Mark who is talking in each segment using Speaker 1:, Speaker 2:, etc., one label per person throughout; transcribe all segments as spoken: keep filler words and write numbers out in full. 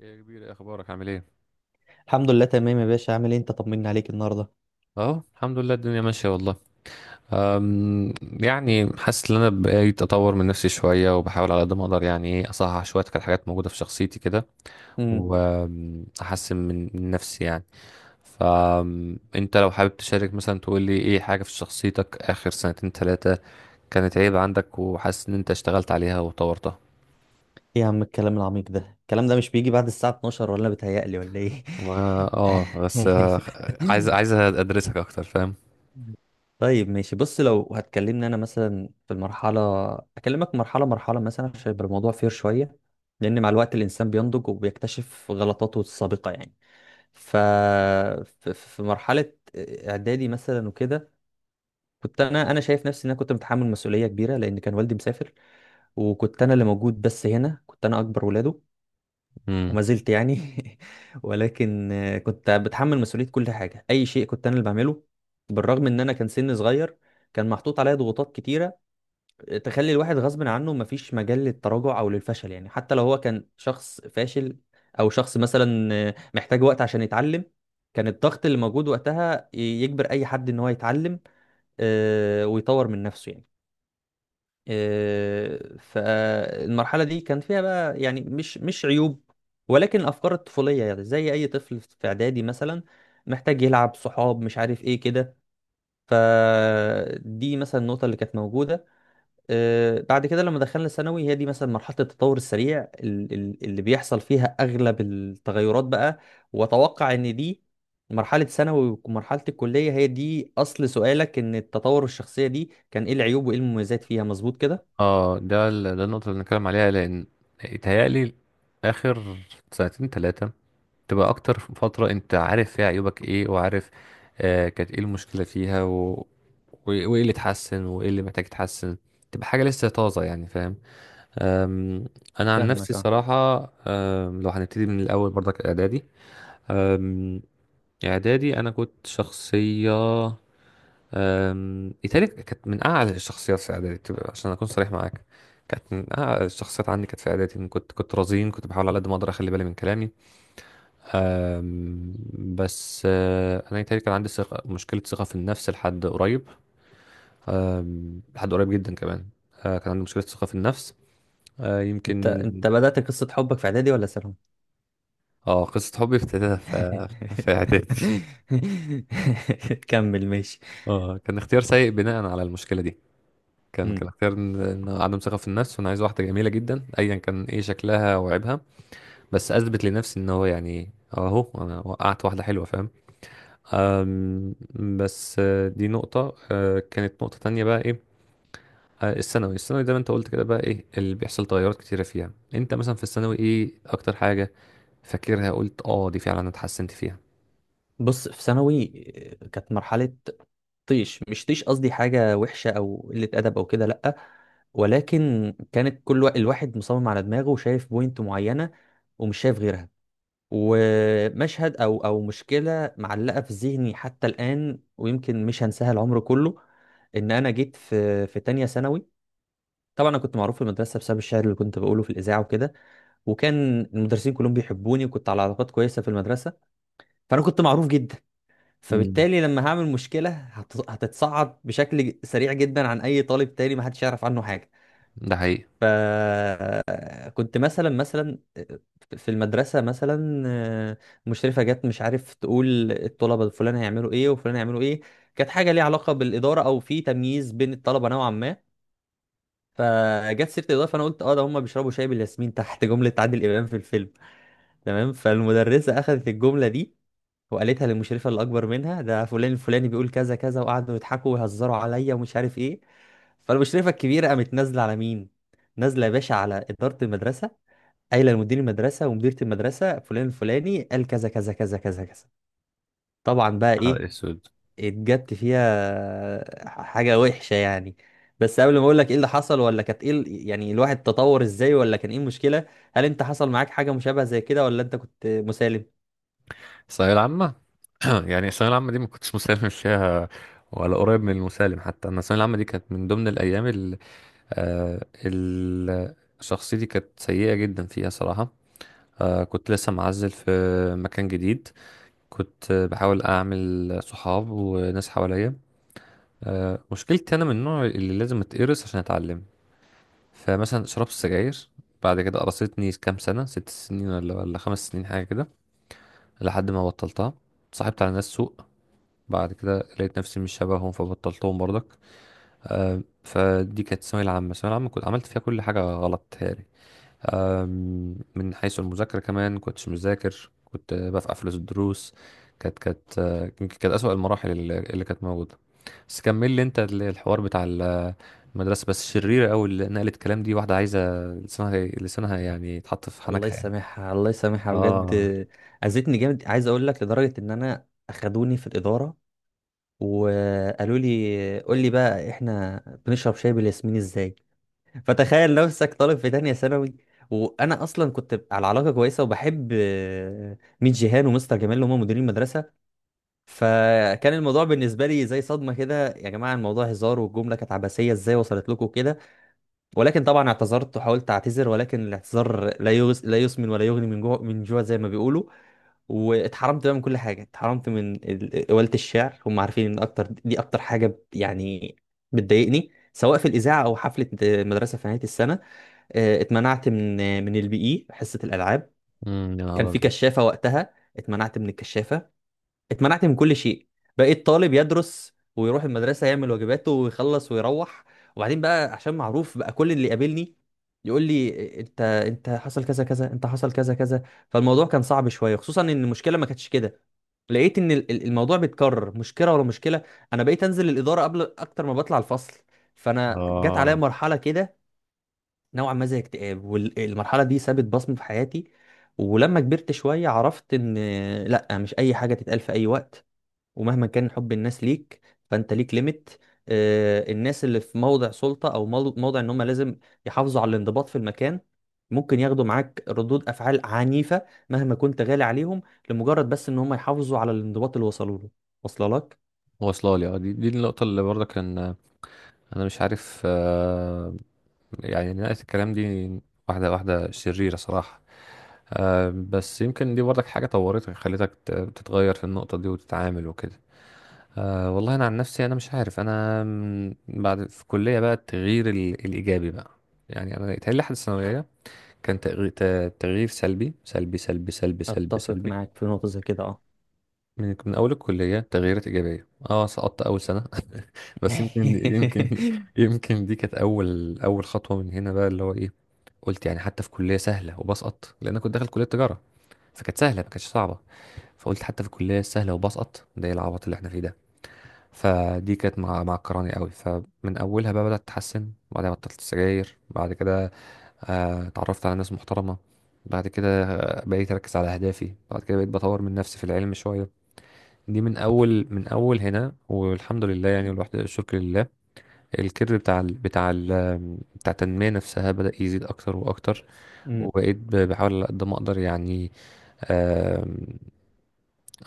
Speaker 1: يا كبير، إيه اخبارك؟ عامل ايه؟
Speaker 2: الحمد لله، تمام يا باشا. عامل ايه انت؟ طمنا عليك النهارده.
Speaker 1: اهو، الحمد لله، الدنيا ماشيه والله. أم، يعني حاسس ان انا بقيت اطور من نفسي شويه، وبحاول على قد ما اقدر يعني ايه اصحح شويه كانت حاجات موجوده في شخصيتي كده،
Speaker 2: امم
Speaker 1: واحسن من من نفسي يعني. فانت لو حابب تشارك مثلا، تقول لي ايه حاجه في شخصيتك اخر سنتين ثلاثه كانت عيب عندك، وحاسس ان انت اشتغلت عليها وطورتها.
Speaker 2: ايه يا عم الكلام العميق ده؟ الكلام ده مش بيجي بعد الساعه اتناشر، ولا بتهيألي ولا ايه؟
Speaker 1: ما، اه، بس، آه، عايز عايز ادرسك اكتر، فاهم؟
Speaker 2: طيب ماشي، بص. لو هتكلمني انا مثلا في المرحله، اكلمك مرحله مرحله مثلا عشان يبقى الموضوع فير شويه. لان مع الوقت الانسان بينضج وبيكتشف غلطاته السابقه يعني. ف ف- في مرحله اعدادي مثلا وكده، كنت انا انا شايف نفسي ان انا كنت متحمل مسؤوليه كبيره، لان كان والدي مسافر وكنت انا اللي موجود. بس هنا كنت انا اكبر ولاده، وما زلت يعني. ولكن آه، كنت بتحمل مسؤوليه كل حاجه. اي شيء كنت انا اللي بعمله، بالرغم ان انا كان سن صغير. كان محطوط عليا ضغوطات كتيره تخلي الواحد غصب عنه مفيش مجال للتراجع او للفشل، يعني حتى لو هو كان شخص فاشل او شخص مثلا آه، محتاج وقت عشان يتعلم. كان الضغط اللي موجود وقتها ي- يجبر اي حد ان هو يتعلم آه، ويطور من نفسه يعني. آه، فالمرحلة دي كان فيها بقى، يعني، مش مش عيوب، ولكن أفكار الطفولية، يعني زي أي طفل في إعدادي مثلا محتاج يلعب صحاب، مش عارف إيه كده. فدي مثلا النقطة اللي كانت موجودة. آه، بعد كده لما دخلنا ثانوي، هي دي مثلا مرحلة التطور السريع ال- ال- اللي بيحصل فيها أغلب التغيرات بقى. وأتوقع إن دي مرحلة ثانوي ومرحلة الكلية هي دي أصل سؤالك. إن التطور الشخصية دي كان إيه العيوب وإيه المميزات فيها، مظبوط كده؟
Speaker 1: اه، ده ال- ده النقطة اللي بنتكلم عليها، لأن يتهيألي آخر سنتين تلاتة تبقى أكتر فترة أنت عارف فيها عيوبك إيه، وعارف آه كانت إيه المشكلة فيها، و... و- وإيه اللي اتحسن وإيه اللي محتاج يتحسن، تبقى حاجة لسه طازة يعني، فاهم؟ أم، أنا عن نفسي
Speaker 2: فاهمك، اه.
Speaker 1: صراحة. أم، لو هنبتدي من الأول برضك إعدادي، أم، إعدادي أنا كنت شخصية. أم، إيطاليا كانت من أعلى الشخصيات في إعدادي، تبقى- عشان أكون صريح معاك، كانت من أعلى الشخصيات عندي كانت في إعدادي. إن كنت كنت رزين، كنت بحاول على قد ما أقدر أخلي بالي من كلامي. أم، بس، أه، أنا إيطاليا كان عندي ثقة مشكلة ثقة في النفس لحد قريب. أم، لحد قريب جدا كمان. أه، كان عندي مشكلة ثقة في النفس. أه،
Speaker 2: انت
Speaker 1: يمكن.
Speaker 2: انت بدأت قصة حبك في اعدادي ولا ثانوي؟
Speaker 1: اه، قصة حبي ابتدت في في إعدادي
Speaker 2: كمل، ماشي.
Speaker 1: اه، كان اختيار سيء بناء على المشكلة دي. كان
Speaker 2: مم.
Speaker 1: كان اختيار، إن- إن عدم ثقة في النفس، وأنا عايز واحدة جميلة جدا أيا كان إيه شكلها وعيبها. بس أثبت لنفسي إن هو يعني أهو أنا وقعت واحدة حلوة، فاهم؟ أم، بس، آه، دي نقطة، آه، كانت نقطة تانية بقى إيه. آه، الثانوي الثانوي زي ما أنت قلت كده، بقى إيه اللي بيحصل تغيرات كتيرة فيها؟ أنت مثلا في الثانوي إيه أكتر حاجة فاكرها قلت أه دي فعلا أنا اتحسنت فيها؟
Speaker 2: بص في ثانوي، آه، كانت مرحلة طيش. مش طيش قصدي حاجة وحشة او قلة ادب او كده، لا. ولكن كانت كل وا- الواحد مصمم على دماغه وشايف بوينت معينة ومش شايف غيرها. ومشهد او او مشكلة معلقة في ذهني حتى الآن، ويمكن مش هنساها العمر كله. ان انا جيت في في تانية ثانوي. طبعا انا كنت معروف في المدرسه بسبب الشعر اللي كنت بقوله في الاذاعه وكده. وكان المدرسين كلهم بيحبوني، وكنت على علاقات كويسه في المدرسه. فانا كنت معروف جدا.
Speaker 1: مم.
Speaker 2: فبالتالي لما هعمل مشكله هت- هتتصعد بشكل ج- سريع جدا عن اي طالب تاني ما حدش يعرف عنه حاجه.
Speaker 1: ده حقيقي.
Speaker 2: فكنت مثلا مثلا في المدرسه مثلا، آه، مشرفه جت، مش عارف، تقول الطلبه فلان هيعملوا ايه وفلان هيعملوا ايه. كانت حاجه ليها علاقه بالاداره او في تمييز بين الطلبه نوعا ما. فجت سيره الاضاءه، فانا قلت اه ده هم بيشربوا شاي بالياسمين، تحت جمله عادل امام في الفيلم، تمام. فالمدرسه اخذت الجمله دي وقالتها للمشرفه اللي اكبر منها، ده فلان الفلاني بيقول كذا كذا. وقعدوا يضحكوا ويهزروا عليا ومش عارف ايه. فالمشرفه الكبيره قامت نازله على مين؟ نازله يا باشا على اداره المدرسه، قايله لمدير المدرسه ومديره المدرسه فلان الفلاني قال كذا كذا كذا كذا كذا. طبعا بقى
Speaker 1: نهار
Speaker 2: ايه،
Speaker 1: اسود.
Speaker 2: اتجبت فيها حاجة وحشة يعني. بس قبل ما اقول لك ايه اللي حصل، ولا كانت ايه ال- يعني الواحد تطور ازاي، ولا كان ايه المشكلة، هل انت حصل معاك حاجة مشابهة زي كده ولا انت كنت مسالم؟
Speaker 1: الثانوية العامة. يعني الثانوية العامة دي ما كنتش مسالم فيها، ولا قريب من المسالم حتى. أنا الثانوية العامة دي كانت من ضمن الأيام، ال آه، ال- شخصيتي كانت سيئة جدا فيها صراحة. آه، كنت لسه معزل في مكان جديد، كنت بحاول أعمل صحاب وناس حواليا. آه، مشكلتي أنا من النوع اللي لازم أتقرص عشان أتعلم. فمثلا شربت سجاير، بعد كده قرصتني كام سنة، ست سنين ولا ولا خمس سنين حاجة كده، لحد ما بطلتها. اتصاحبت على ناس سوء، بعد كده لقيت نفسي مش شبههم فبطلتهم برضك. آه، فدي كانت الثانوية العامة الثانوية العامة كنت عملت فيها كل حاجة غلط تهيألي. آم، من حيث المذاكرة كمان كنتش مذاكر، كنت آه، بفقع فلوس الدروس. كانت كانت، آه، يمكن كانت أسوأ المراحل اللي اللي كانت موجودة. بس كمل لي أنت ال- الحوار بتاع المدرسة. بس شريرة أوي اللي نقلت كلام دي، واحدة عايزة لسانها، لسانها يعني يتحط في
Speaker 2: الله
Speaker 1: حنكها يعني.
Speaker 2: يسامحها، الله يسامحها بجد.
Speaker 1: اه.
Speaker 2: اذتني جامد، عايز اقول لك، لدرجة ان انا اخدوني في الإدارة وقالوا لي قول لي بقى احنا بنشرب شاي بالياسمين ازاي. فتخيل نفسك طالب في تانية ثانوي، وانا اصلا كنت على علاقة كويسة وبحب ميت جيهان ومستر جمال اللي هم مديرين المدرسة. فكان الموضوع بالنسبه لي زي صدمه كده، يا جماعه الموضوع هزار، والجمله كانت عبثيه ازاي وصلت لكم كده. ولكن طبعا اعتذرت وحاولت اعتذر، ولكن الاعتذار لا يغس لا يسمن ولا يغني من جوع من جوع، زي ما بيقولوا. واتحرمت بقى من كل حاجه. اتحرمت من ال- قوالة الشعر، هم عارفين ان اكتر دي اكتر حاجه ب- يعني بتضايقني، سواء في الاذاعه او حفله مدرسه في نهايه السنه. اه، اتمنعت من من البي اي، حصه الالعاب.
Speaker 1: امم يا
Speaker 2: كان
Speaker 1: نهار
Speaker 2: في
Speaker 1: أبيض.
Speaker 2: كشافه وقتها، اتمنعت من الكشافه. اتمنعت من كل شيء. بقيت طالب يدرس ويروح المدرسة، يعمل واجباته ويخلص ويروح. وبعدين بقى، عشان معروف بقى، كل اللي يقابلني يقول لي انت انت حصل كذا كذا، انت حصل كذا كذا. فالموضوع كان صعب شوية، خصوصا ان المشكلة ما كانتش كده. لقيت ان ال- ال- الموضوع بيتكرر، مشكلة ورا مشكلة. انا بقيت انزل الإدارة قبل اكتر ما بطلع الفصل. فانا جت عليا
Speaker 1: اه،
Speaker 2: مرحلة كده نوعا ما زي اكتئاب، والمرحلة دي سابت بصمة في حياتي. ولما كبرت شوية عرفت ان لا، مش اي حاجة تتقال في اي وقت، ومهما كان حب الناس ليك، فانت ليك ليميت. آه، الناس اللي في موضع سلطة او مو- موضع ان هم لازم يحافظوا على الانضباط في المكان، ممكن ياخدوا معاك ردود افعال عنيفة مهما كنت غالي عليهم، لمجرد بس ان هم يحافظوا على الانضباط اللي وصلوا له، واصله لك.
Speaker 1: واصلة لي. اه، دي دي النقطة اللي برضه كان انا مش عارف، آه، يعني نهاية الكلام دي واحدة واحدة شريرة صراحة. آه، بس يمكن دي برضك حاجة طورتك، خلتك ت- تتغير في النقطة دي وتتعامل وكده. آه، والله انا عن نفسي انا مش عارف، انا م، بعد في الكلية بقى التغيير ال- الايجابي بقى. يعني انا يتهيألي لحد الثانوية كان تغيير تغيير سلبي سلبي سلبي سلبي سلبي
Speaker 2: اتفق
Speaker 1: سلبي.
Speaker 2: معاك في نقطة زي كده، اه.
Speaker 1: من من اول الكليه تغييرات ايجابيه. اه، سقطت اول سنه. بس يمكن يمكن يمكن دي كانت اول اول خطوه من هنا بقى، اللي هو ايه، قلت يعني حتى في كليه سهله وبسقط، لان أنا كنت داخل كليه تجاره فكانت سهله ما كانتش صعبه. فقلت حتى في الكليه السهله وبسقط، ده إيه العبط اللي احنا فيه ده؟ فدي كانت مع معكراني قوي، فمن اولها بقى بدات اتحسن بعدها بطلت السجاير. بعد كده آه، اتعرفت على ناس محترمه، بعد كده آه، بقيت اركز على اهدافي، بعد كده بقيت بطور من نفسي في العلم شويه. دي من اول من اول هنا والحمد لله يعني، والواحد الشكر لله. الكيرف بتاع ال بتاع ال بتاع التنميه نفسها بدا يزيد اكتر واكتر. وبقيت ب- بحاول على قد ما اقدر يعني. آم،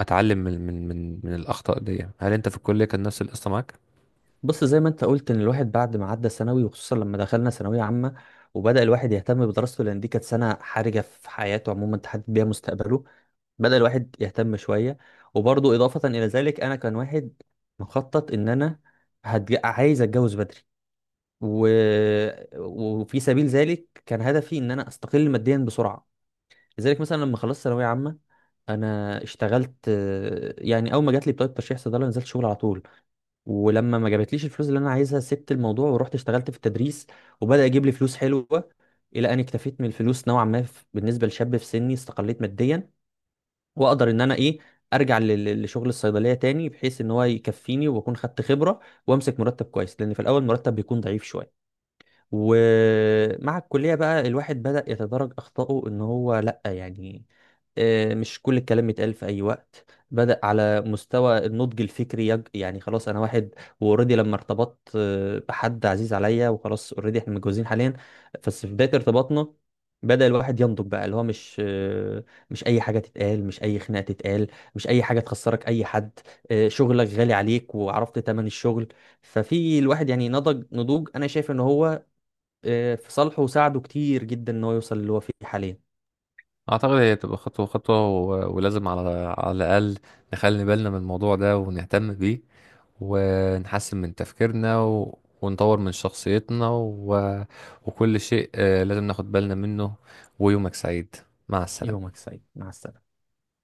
Speaker 1: اتعلم من من من من الاخطاء دي. هل انت في الكليه كان نفس القصه معاك؟
Speaker 2: بص، زي ما انت قلت ان الواحد بعد ما عدى ثانوي، وخصوصا لما دخلنا ثانويه عامه وبدا الواحد يهتم بدراسته لان دي كانت سنه حرجه في حياته عموما تحدد بيها مستقبله، بدأ الواحد يهتم شوية. وبرضه إضافة إلى ذلك أنا كان واحد مخطط إن أنا هتج... عايز أتجوز بدري، و... وفي سبيل ذلك كان هدفي إن أنا أستقل ماديا بسرعة. لذلك مثلا لما خلصت ثانوية عامة، أنا اشتغلت. آه، يعني أول ما جات لي بطاقة ترشيح صيدلة نزلت شغل على طول، ولما ما جابتليش الفلوس اللي انا عايزها سبت الموضوع ورحت اشتغلت في التدريس، وبدأ يجيب لي فلوس حلوة. الى ان اكتفيت من الفلوس نوعا ما، ف- بالنسبة لشاب في سني استقليت ماديا، واقدر ان انا ايه، ارجع لل- لشغل الصيدلية تاني بحيث ان هو يكفيني واكون خدت خبرة وامسك مرتب كويس، لان في الاول مرتب بيكون ضعيف شوية. ومع الكلية بقى الواحد بدأ يتدرج أخطائه إن هو لأ، يعني آه، مش كل الكلام يتقال في أي وقت. بدأ على مستوى النضج الفكري يج... يعني خلاص أنا واحد. وأوريدي لما ارتبطت آه، بحد عزيز عليا، وخلاص أوريدي إحنا متجوزين حاليا. بس في بداية ارتباطنا بدأ الواحد ينضج بقى، اللي هو مش آه، مش أي حاجة تتقال، مش أي خناقة تتقال، مش أي حاجة تخسرك أي حد. آه، شغلك غالي عليك وعرفت تمن الشغل. ففي الواحد يعني نضج نضوج، انا شايف ان هو آه، في صالحه وساعده كتير جدا ان هو يوصل اللي هو فيه حاليا.
Speaker 1: اعتقد هي بتبقى خطوه خطوه، و- ولازم على على الاقل نخلي بالنا من الموضوع ده ونهتم بيه، ونحسن من تفكيرنا، و... ونطور من شخصيتنا، و... وكل شيء آه، لازم ناخد بالنا منه. ويومك سعيد، مع السلامة.
Speaker 2: يومك سعيد، مع السلامة.